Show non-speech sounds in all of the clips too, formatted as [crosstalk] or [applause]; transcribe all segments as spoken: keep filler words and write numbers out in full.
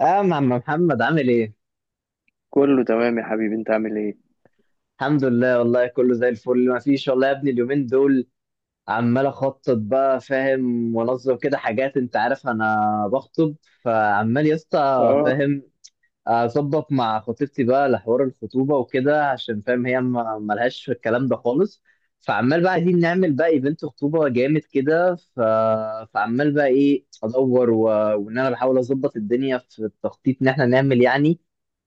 اه يا عم محمد، عامل ايه؟ كله تمام يا حبيبي انت عامل ايه. الحمد لله، والله كله زي الفل. ما فيش والله يا ابني اليومين دول. عمال اخطط بقى، فاهم، وانظم كده حاجات. انت عارف انا بخطب، فعمال يا اسطى، اه فاهم، اظبط مع خطيبتي بقى لحوار الخطوبه وكده، عشان فاهم هي ما- ملهاش في الكلام ده خالص. فعمال بقى عايزين نعمل بقى ايفنت خطوبه جامد كده ف... فعمال بقى ايه ادور و... وان انا بحاول اظبط الدنيا في التخطيط ان احنا نعمل يعني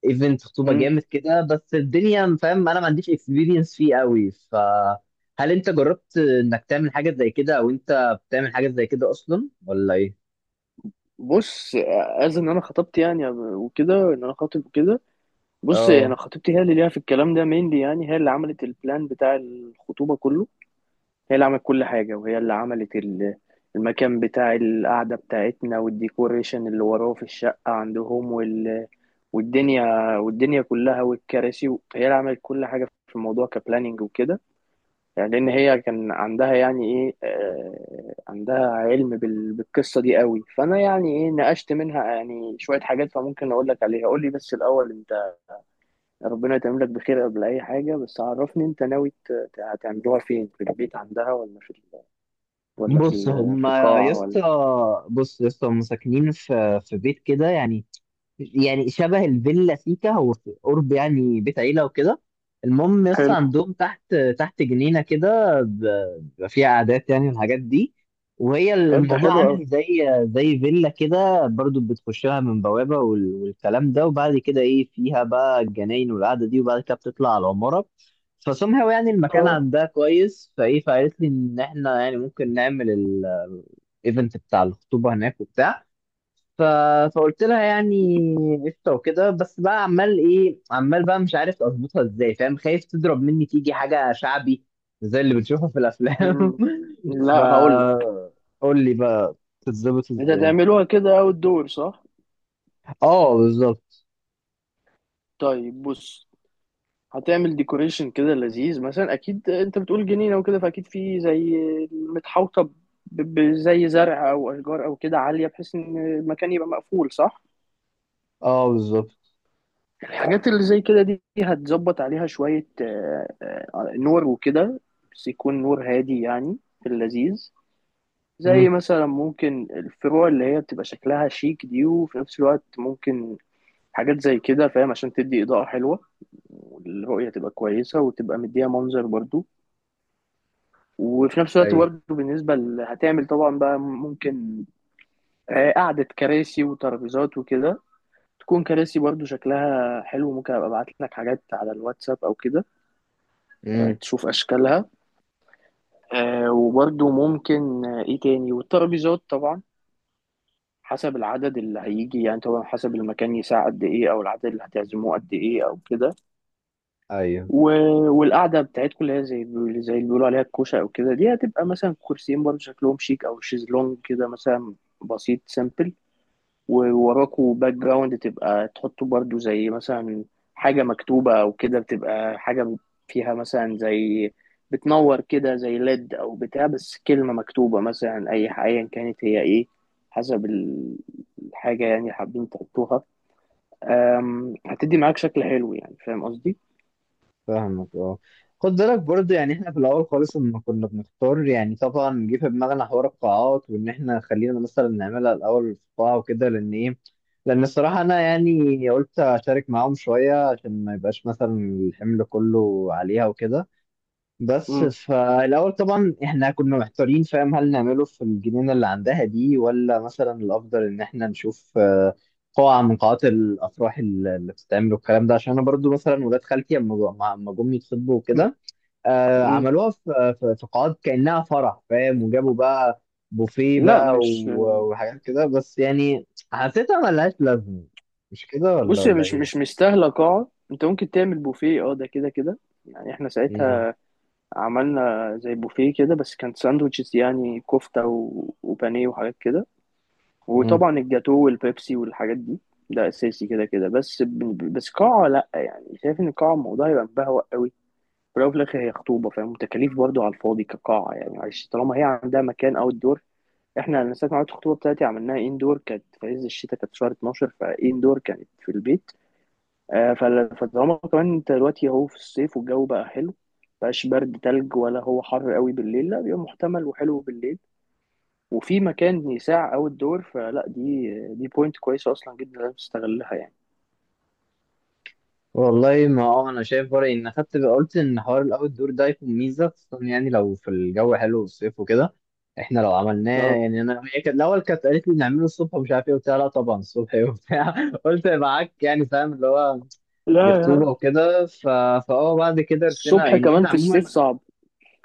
ايفنت خطوبه امم جامد كده، بس الدنيا فاهم انا ما عنديش اكسبيرينس فيه قوي. فهل انت جربت انك تعمل حاجه زي كده، او انت بتعمل حاجه زي كده اصلا، ولا ايه؟ بص، از ان انا خطبت يعني وكده، ان انا خاطب وكده. بص، انا اه خطيبتي هي اللي ليها في الكلام ده مينلي، يعني هي اللي عملت البلان بتاع الخطوبه كله. هي اللي عملت كل حاجه، وهي اللي عملت ال- المكان بتاع القعده بتاعتنا، والديكوريشن اللي وراه في الشقه عندهم، وال... والدنيا، والدنيا كلها، والكراسي. هي اللي عملت كل حاجه في الموضوع كبلاننج وكده. يعني لان هي كان عندها، يعني ايه آه، عندها علم بال- بالقصه دي قوي، فانا يعني ايه نقشت منها يعني شويه حاجات، فممكن اقول لك عليها. قول لي بس الاول انت، ربنا يتمم لك بخير قبل اي حاجه. بس عرفني انت ناوي ت- ت- هتعملوها فين، في البيت عندها ولا في ال- ولا في بص ال- في هما يا قاعه اسطى، ولا؟ بص يا اسطى هما ساكنين في في بيت كده يعني. يعني شبه الفيلا سيكا، هو في قرب يعني بيت عيلة وكده. المهم يس حلو، عندهم تحت تحت جنينة كده، ب- بيبقى فيها قعدات يعني والحاجات دي. وهي طب ده الموضوع حلو قوي. عامل زي زي فيلا كده برضو، بتخش لها من بوابة وال- والكلام ده، وبعد كده ايه، فيها بقى الجناين والقعدة دي، وبعد كده بتطلع على العمارة. فسمها يعني المكان اه. عندها كويس، فايه، فقالت لي ان احنا يعني ممكن نعمل الايفنت بتاع الخطوبة هناك وبتاع ف... فقلت لها يعني قشطه وكده. بس بقى عمال ايه، عمال بقى مش عارف اظبطها ازاي، فاهم، خايف تضرب مني تيجي حاجه شعبي زي اللي بنشوفها في الافلام. [laughs] مم. ف لا هقول لك. قول لي بقى تتظبط انت ازاي. هتعملوها كده اوت دور، صح؟ اه بالظبط. طيب بص، هتعمل ديكوريشن كده لذيذ، مثلا اكيد انت بتقول جنينه وكده، فاكيد في زي متحوطه ب- بزي زرع او اشجار او كده عاليه، بحيث ان المكان يبقى مقفول، صح؟ اه بالظبط. الحاجات اللي زي كده دي هتظبط عليها شويه آه، آه، نور وكده، بس يكون نور هادي يعني، في اللذيذ. زي امم، مثلا ممكن الفروع اللي هي بتبقى شكلها شيك دي، وفي نفس الوقت ممكن حاجات زي كده، فاهم؟ عشان تدي إضاءة حلوة، والرؤية تبقى كويسة، وتبقى مديها منظر برضو. وفي نفس اي، الوقت برضه بالنسبة ل- هتعمل طبعا بقى ممكن آه، قعدة كراسي وترابيزات وكده، تكون كراسي برضه شكلها حلو. ممكن ابقى ابعت لك حاجات على الواتساب او كده امم، تشوف اشكالها. آه، وبرضه ممكن آه، ايه تاني، والترابيزات طبعا حسب العدد اللي هيجي. يعني طبعا حسب المكان يساع قد ايه، او العدد اللي هتعزموه قد ايه او كده. ايوه. و... والقعده بتاعتكم اللي هي زي زي اللي بيقولوا عليها الكوشه او كده، دي هتبقى مثلا كرسيين برضه شكلهم شيك، او شيزلونج كده مثلا، بسيط سامبل. ووراكوا باك جراوند تبقى تحطوا برضو، زي مثلا حاجة مكتوبة أو كده، بتبقى حاجة فيها مثلا زي بتنور كده، زي ليد أو بتاع، بس كلمة مكتوبة مثلا، أي ح- أيا كانت هي إيه، حسب ال- الحاجة يعني اللي حابين تحطوها. أم، هتدي معاك شكل حلو، يعني فاهم قصدي؟ فاهمك اه. خد بالك برضه، يعني احنا في الاول خالص لما كنا بنختار، يعني طبعا جه في دماغنا حوار القاعات، وان احنا خلينا مثلا نعملها الاول في قاعه وكده، لان ايه، لان الصراحه انا يعني قلت اشارك معاهم شويه عشان ما يبقاش مثلا الحمل كله عليها وكده. بس مم. فالاول طبعا احنا كنا محتارين، فاهم، هل نعمله في الجنينه اللي عندها دي، ولا مثلا الافضل ان احنا نشوف آه، قاعه من قاعات الافراح اللي اللي بتتعمل والكلام ده. عشان انا برضو مثلا ولاد خالتي اما أما جم يتخطبوا مم. وكده، آه، مم. عملوها في في في قاعات كانها فرح، فاهم، وجابوا بقى بوفيه لا بقى مش، و- وحاجات كده. بس يعني حسيتها ملهاش لازمه، مش كده ولا بص هي ولا مش مش ايه؟ مستاهلة قاعة. أنت ممكن تعمل بوفيه، أه ده كده كده. يعني إحنا ساعتها عملنا زي بوفيه كده، بس كان ساندوتشز، يعني كفتة و- وبانيه وحاجات كده، مم. وطبعا الجاتو والبيبسي والحاجات دي، ده أساسي كده كده. بس ب- بس قاعة لأ، يعني شايف إن القاعة الموضوع يبقى مبهوأ قوي. في الأول وفي الآخر هي خطوبة، فاهم؟ وتكاليف برضه على الفاضي كقاعة، يعني معلش طالما هي عندها مكان أو الدور. إحنا أنا ساعة ما عملت الخطوبة بتاعتي عملناها إندور، كانت في عز الشتاء، كانت شهر اتناشر، فإندور كانت في البيت. آه، فل- فطالما كمان انت دلوقتي اهو في الصيف والجو بقى حلو، مبقاش برد تلج ولا هو حر قوي بالليل، لا بيبقى محتمل وحلو بالليل، وفي مكان يساع او الدور، فلا دي دي بوينت كويسه اصلا جدا، لازم تستغلها يعني. والله ما اه انا شايف برأيي ان خدت قلت ان حوار الاوت دور ده يكون ميزه، خصوصا يعني لو في الجو حلو والصيف وكده. احنا لو عملناه اه. يعني انا، هي كانت الاول كانت قالت لي نعمله الصبح ومش عارف ايه وبتاع، لا طبعا الصبح ايه وبتاع. [laughs] قلت معاك يعني فاهم اللي هو لا دي خطوبه لا وكده ف... فاه بعد كده رسينا الصبح يعني كمان قلنا في الصيف عموما صعب.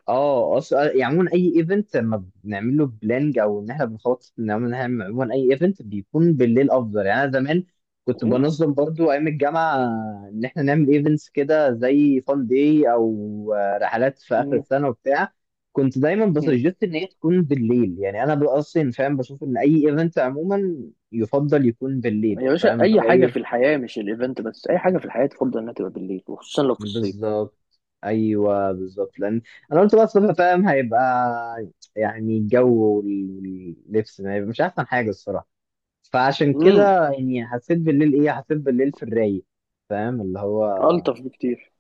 اه. اصلا يعني عموما اي ايفنت لما بنعمل له بلانج او ان احنا بنخطط ان احنا نعمل، عموما اي ايفنت بيكون بالليل افضل يعني. انا زمان كنت م- بنظم برضو ايام الجامعه ان احنا نعمل ايفنتس كده زي فان داي او آه، رحلات في اخر م- السنه وبتاع، كنت دايما م. بسجست ان هي تكون بالليل. يعني انا بقى اصلا فاهم بشوف ان اي ايفنت عموما يفضل يكون بالليل، يا باشا، فاهم اللي اي هو حاجه في ايه. الحياه، مش الايفنت بس، اي حاجه في الحياه تفضل انها تبقى بالليل، وخصوصا لو في الصيف. بالظبط. ايوه بالظبط، لان انا قلت بقى صبح فاهم هيبقى يعني الجو واللبس ما هيبقى مش احسن حاجه الصراحه. فعشان امم، كده يعني حسيت بالليل ايه، حسيت بالليل في الرايق، فاهم اللي هو الطف بكتير.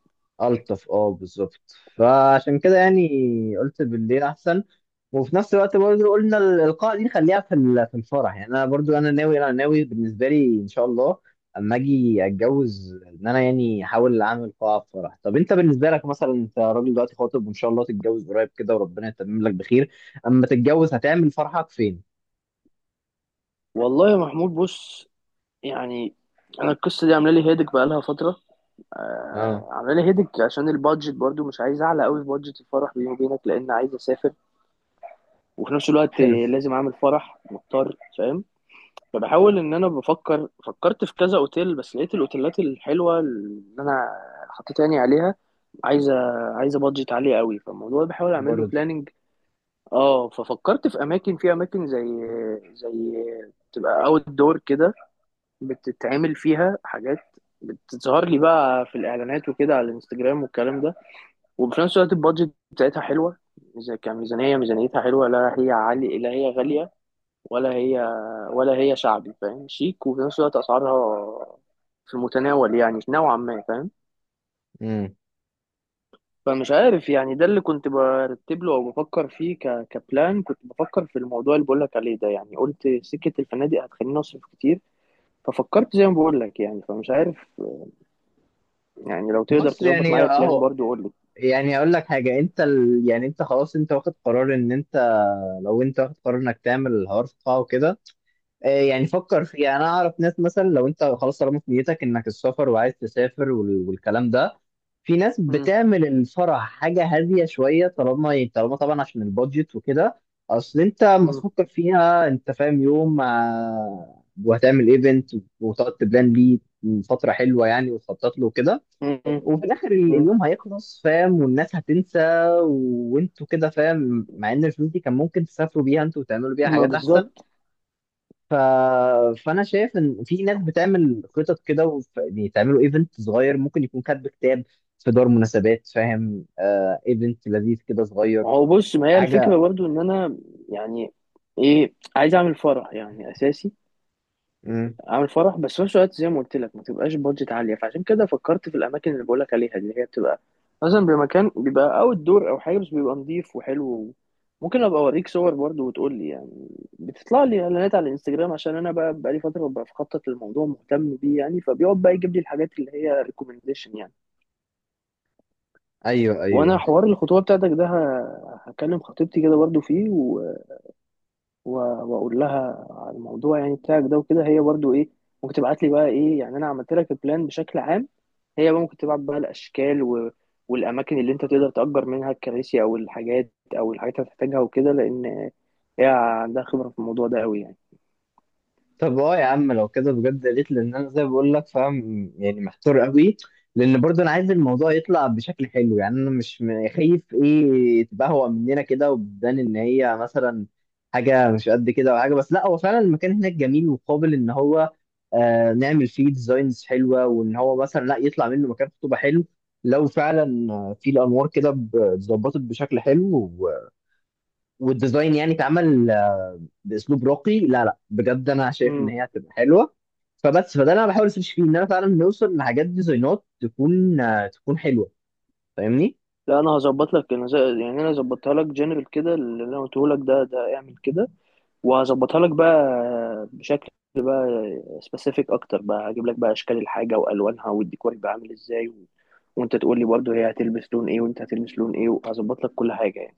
الطف. اه بالظبط. فعشان كده يعني قلت بالليل احسن. وفي نفس الوقت برضه قلنا الإلقاء دي نخليها في ال- في الفرح يعني. أنا برضه أنا ناوي أنا ناوي بالنسبة لي إن شاء الله أما أجي أتجوز، إن أنا يعني أحاول أعمل قاعة في فرح. طب أنت بالنسبة لك مثلا، أنت راجل دلوقتي خاطب وإن شاء الله تتجوز قريب كده وربنا يتمم لك بخير، أما تتجوز هتعمل فرحك فين؟ والله يا محمود، بص يعني، انا القصه دي عامله لي هيدك بقالها فتره. أه آه، عامله لي هيدك عشان البادجت برضو، مش عايز اعلى قوي في بادجت الفرح بيني وبينك، لان عايز اسافر. وفي نفس الوقت حلو آه، لازم اعمل فرح، مضطر، فاهم؟ فبحاول ان انا بفكر، فكرت في كذا اوتيل، بس لقيت الاوتيلات الحلوه اللي انا حطيت عيني عليها عايزه، عايزه بادجت عاليه قوي، فالموضوع ده بحاول اعمل له برضه. بلاننج. اه، ففكرت في اماكن، في اماكن زي زي تبقى اوت دور كده، بتتعمل فيها حاجات، بتظهر لي بقى في الاعلانات وكده على الانستجرام والكلام ده. وفي نفس الوقت البادجت بتاعتها حلوه، إذا كميزانيه ميزانيتها حلوه، لا هي عالية لا هي غاليه، ولا هي ولا هي شعبي فاهم، شيك، وفي نفس الوقت اسعارها في المتناول يعني نوعا ما، فاهم؟ امم، فمش عارف يعني، ده اللي كنت برتب له او بفكر فيه ك... كبلان. كنت بفكر في الموضوع اللي بقول لك عليه ده يعني، قلت سكة الفنادق هتخليني اصرف كتير، ففكرت زي ما بقول لك يعني، فمش عارف. يعني لو تقدر بص تظبط يعني معايا البلان أهو، برضو قول لي. يعني أقول لك حاجة، أنت ال... يعني أنت خلاص أنت واخد قرار إن أنت، لو أنت واخد قرار إنك تعمل الحوار في قاعة وكده، آه، يعني فكر فيها. انا اعرف ناس مثلا، لو انت خلاص طالما في نيتك انك السفر وعايز تسافر وال- والكلام ده، في ناس مم. بتعمل الفرح حاجه هاديه شويه، طالما طالما طبعا عشان البادجت وكده. اصل انت لما مم. تفكر فيها انت فاهم يوم آه، وهتعمل ايفنت وتقعد تبلان بيه فتره حلوه يعني، وتخطط له وكده، مم. وفي الاخر ال- مم. اليوم هيخلص، فاهم، والناس هتنسى، وانتوا كده فاهم، مع ان الفلوس دي كان ممكن تسافروا بيها انتوا وتعملوا بيها ما حاجات احسن. بالظبط. ف... فانا شايف ان في ناس بتعمل خطط كده وف... يعني تعملوا ايفنت صغير، ممكن يكون كاتب كتاب في دار مناسبات، فاهم، آه ايفنت لذيذ كده صغير. ما هو بص، ما هي حاجه. الفكرة برضو ان انا يعني ايه، عايز اعمل فرح يعني اساسي، مم. اعمل فرح، بس في نفس الوقت زي ما قلت لك ما تبقاش بادجت عالية. فعشان كده فكرت في الاماكن اللي بقول لك عليها، اللي هي بتبقى مثلا بمكان بيبقى اوت دور او حاجة، بس بيبقى نظيف وحلو. ممكن ابقى اوريك صور برضو وتقول لي يعني، بتطلع لي اعلانات على الانستجرام عشان انا بقى بقالي فترة ببقى بخطط للموضوع، مهتم بيه يعني، فبيقعد بقى يجيب لي الحاجات اللي هي ريكومنديشن يعني. ايوه وانا ايوه. حوار الخطوبة بتاعتك ده ه- هكلم خطيبتي كده برضو فيه، و- واقول لها على الموضوع يعني بتاعك ده وكده، هي برضو ايه، ممكن تبعت لي بقى ايه، يعني انا عملت لك البلان بشكل عام، هي بقى ممكن تبعت بقى الاشكال و... والاماكن اللي انت تقدر تأجر منها الكراسي او الحاجات، او الحاجات اللي هتحتاجها وكده، لان هي عندها خبرة في الموضوع ده قوي يعني. طب اه يا عم لو كده بجد يا ريت، لان انا زي ما بقول لك فاهم يعني محتار قوي. لان برضه انا عايز الموضوع يطلع بشكل حلو، يعني انا مش م- خايف ايه تبهوأ مننا كده وبتبان ان هي مثلا حاجه مش قد كده، او حاجه، بس لا هو فعلا المكان هناك جميل وقابل ان هو آه نعمل فيه ديزاينز حلوه، وان هو مثلا لا يطلع منه مكان خطوبه حلو. لو فعلا آه، في الانوار كده ب- اتظبطت بشكل حلو و- والديزاين يعني اتعمل باسلوب راقي، لا لا بجد انا شايف ان امم، هي هتبقى حلوه. فبس فده اللي انا بحاول اسيرش فيه، ان انا فعلا نوصل لحاجات ديزاينات تكون آه، تكون حلوه. فاهمني. لا انا هظبط لك، انا زي... يعني انا ظبطها لك جنرال كده اللي انا قلته لك ده، ده اعمل كده، وهظبطها لك بقى بشكل بقى سبيسيفيك اكتر بقى. هجيب لك بقى اشكال الحاجه والوانها، والديكور هيبقى عامل ازاي و... وانت تقول لي برضه هي هتلبس لون ايه وانت هتلبس لون ايه، وهظبط لك كل حاجه يعني.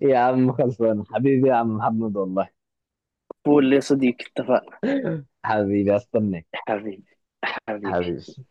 يا عم خلصانه حبيبي يا عم محمد والله. قول لي يا صديقي، اتفقنا؟ حبيبي، استناك. حبيبي، حبيبي. حبيبي.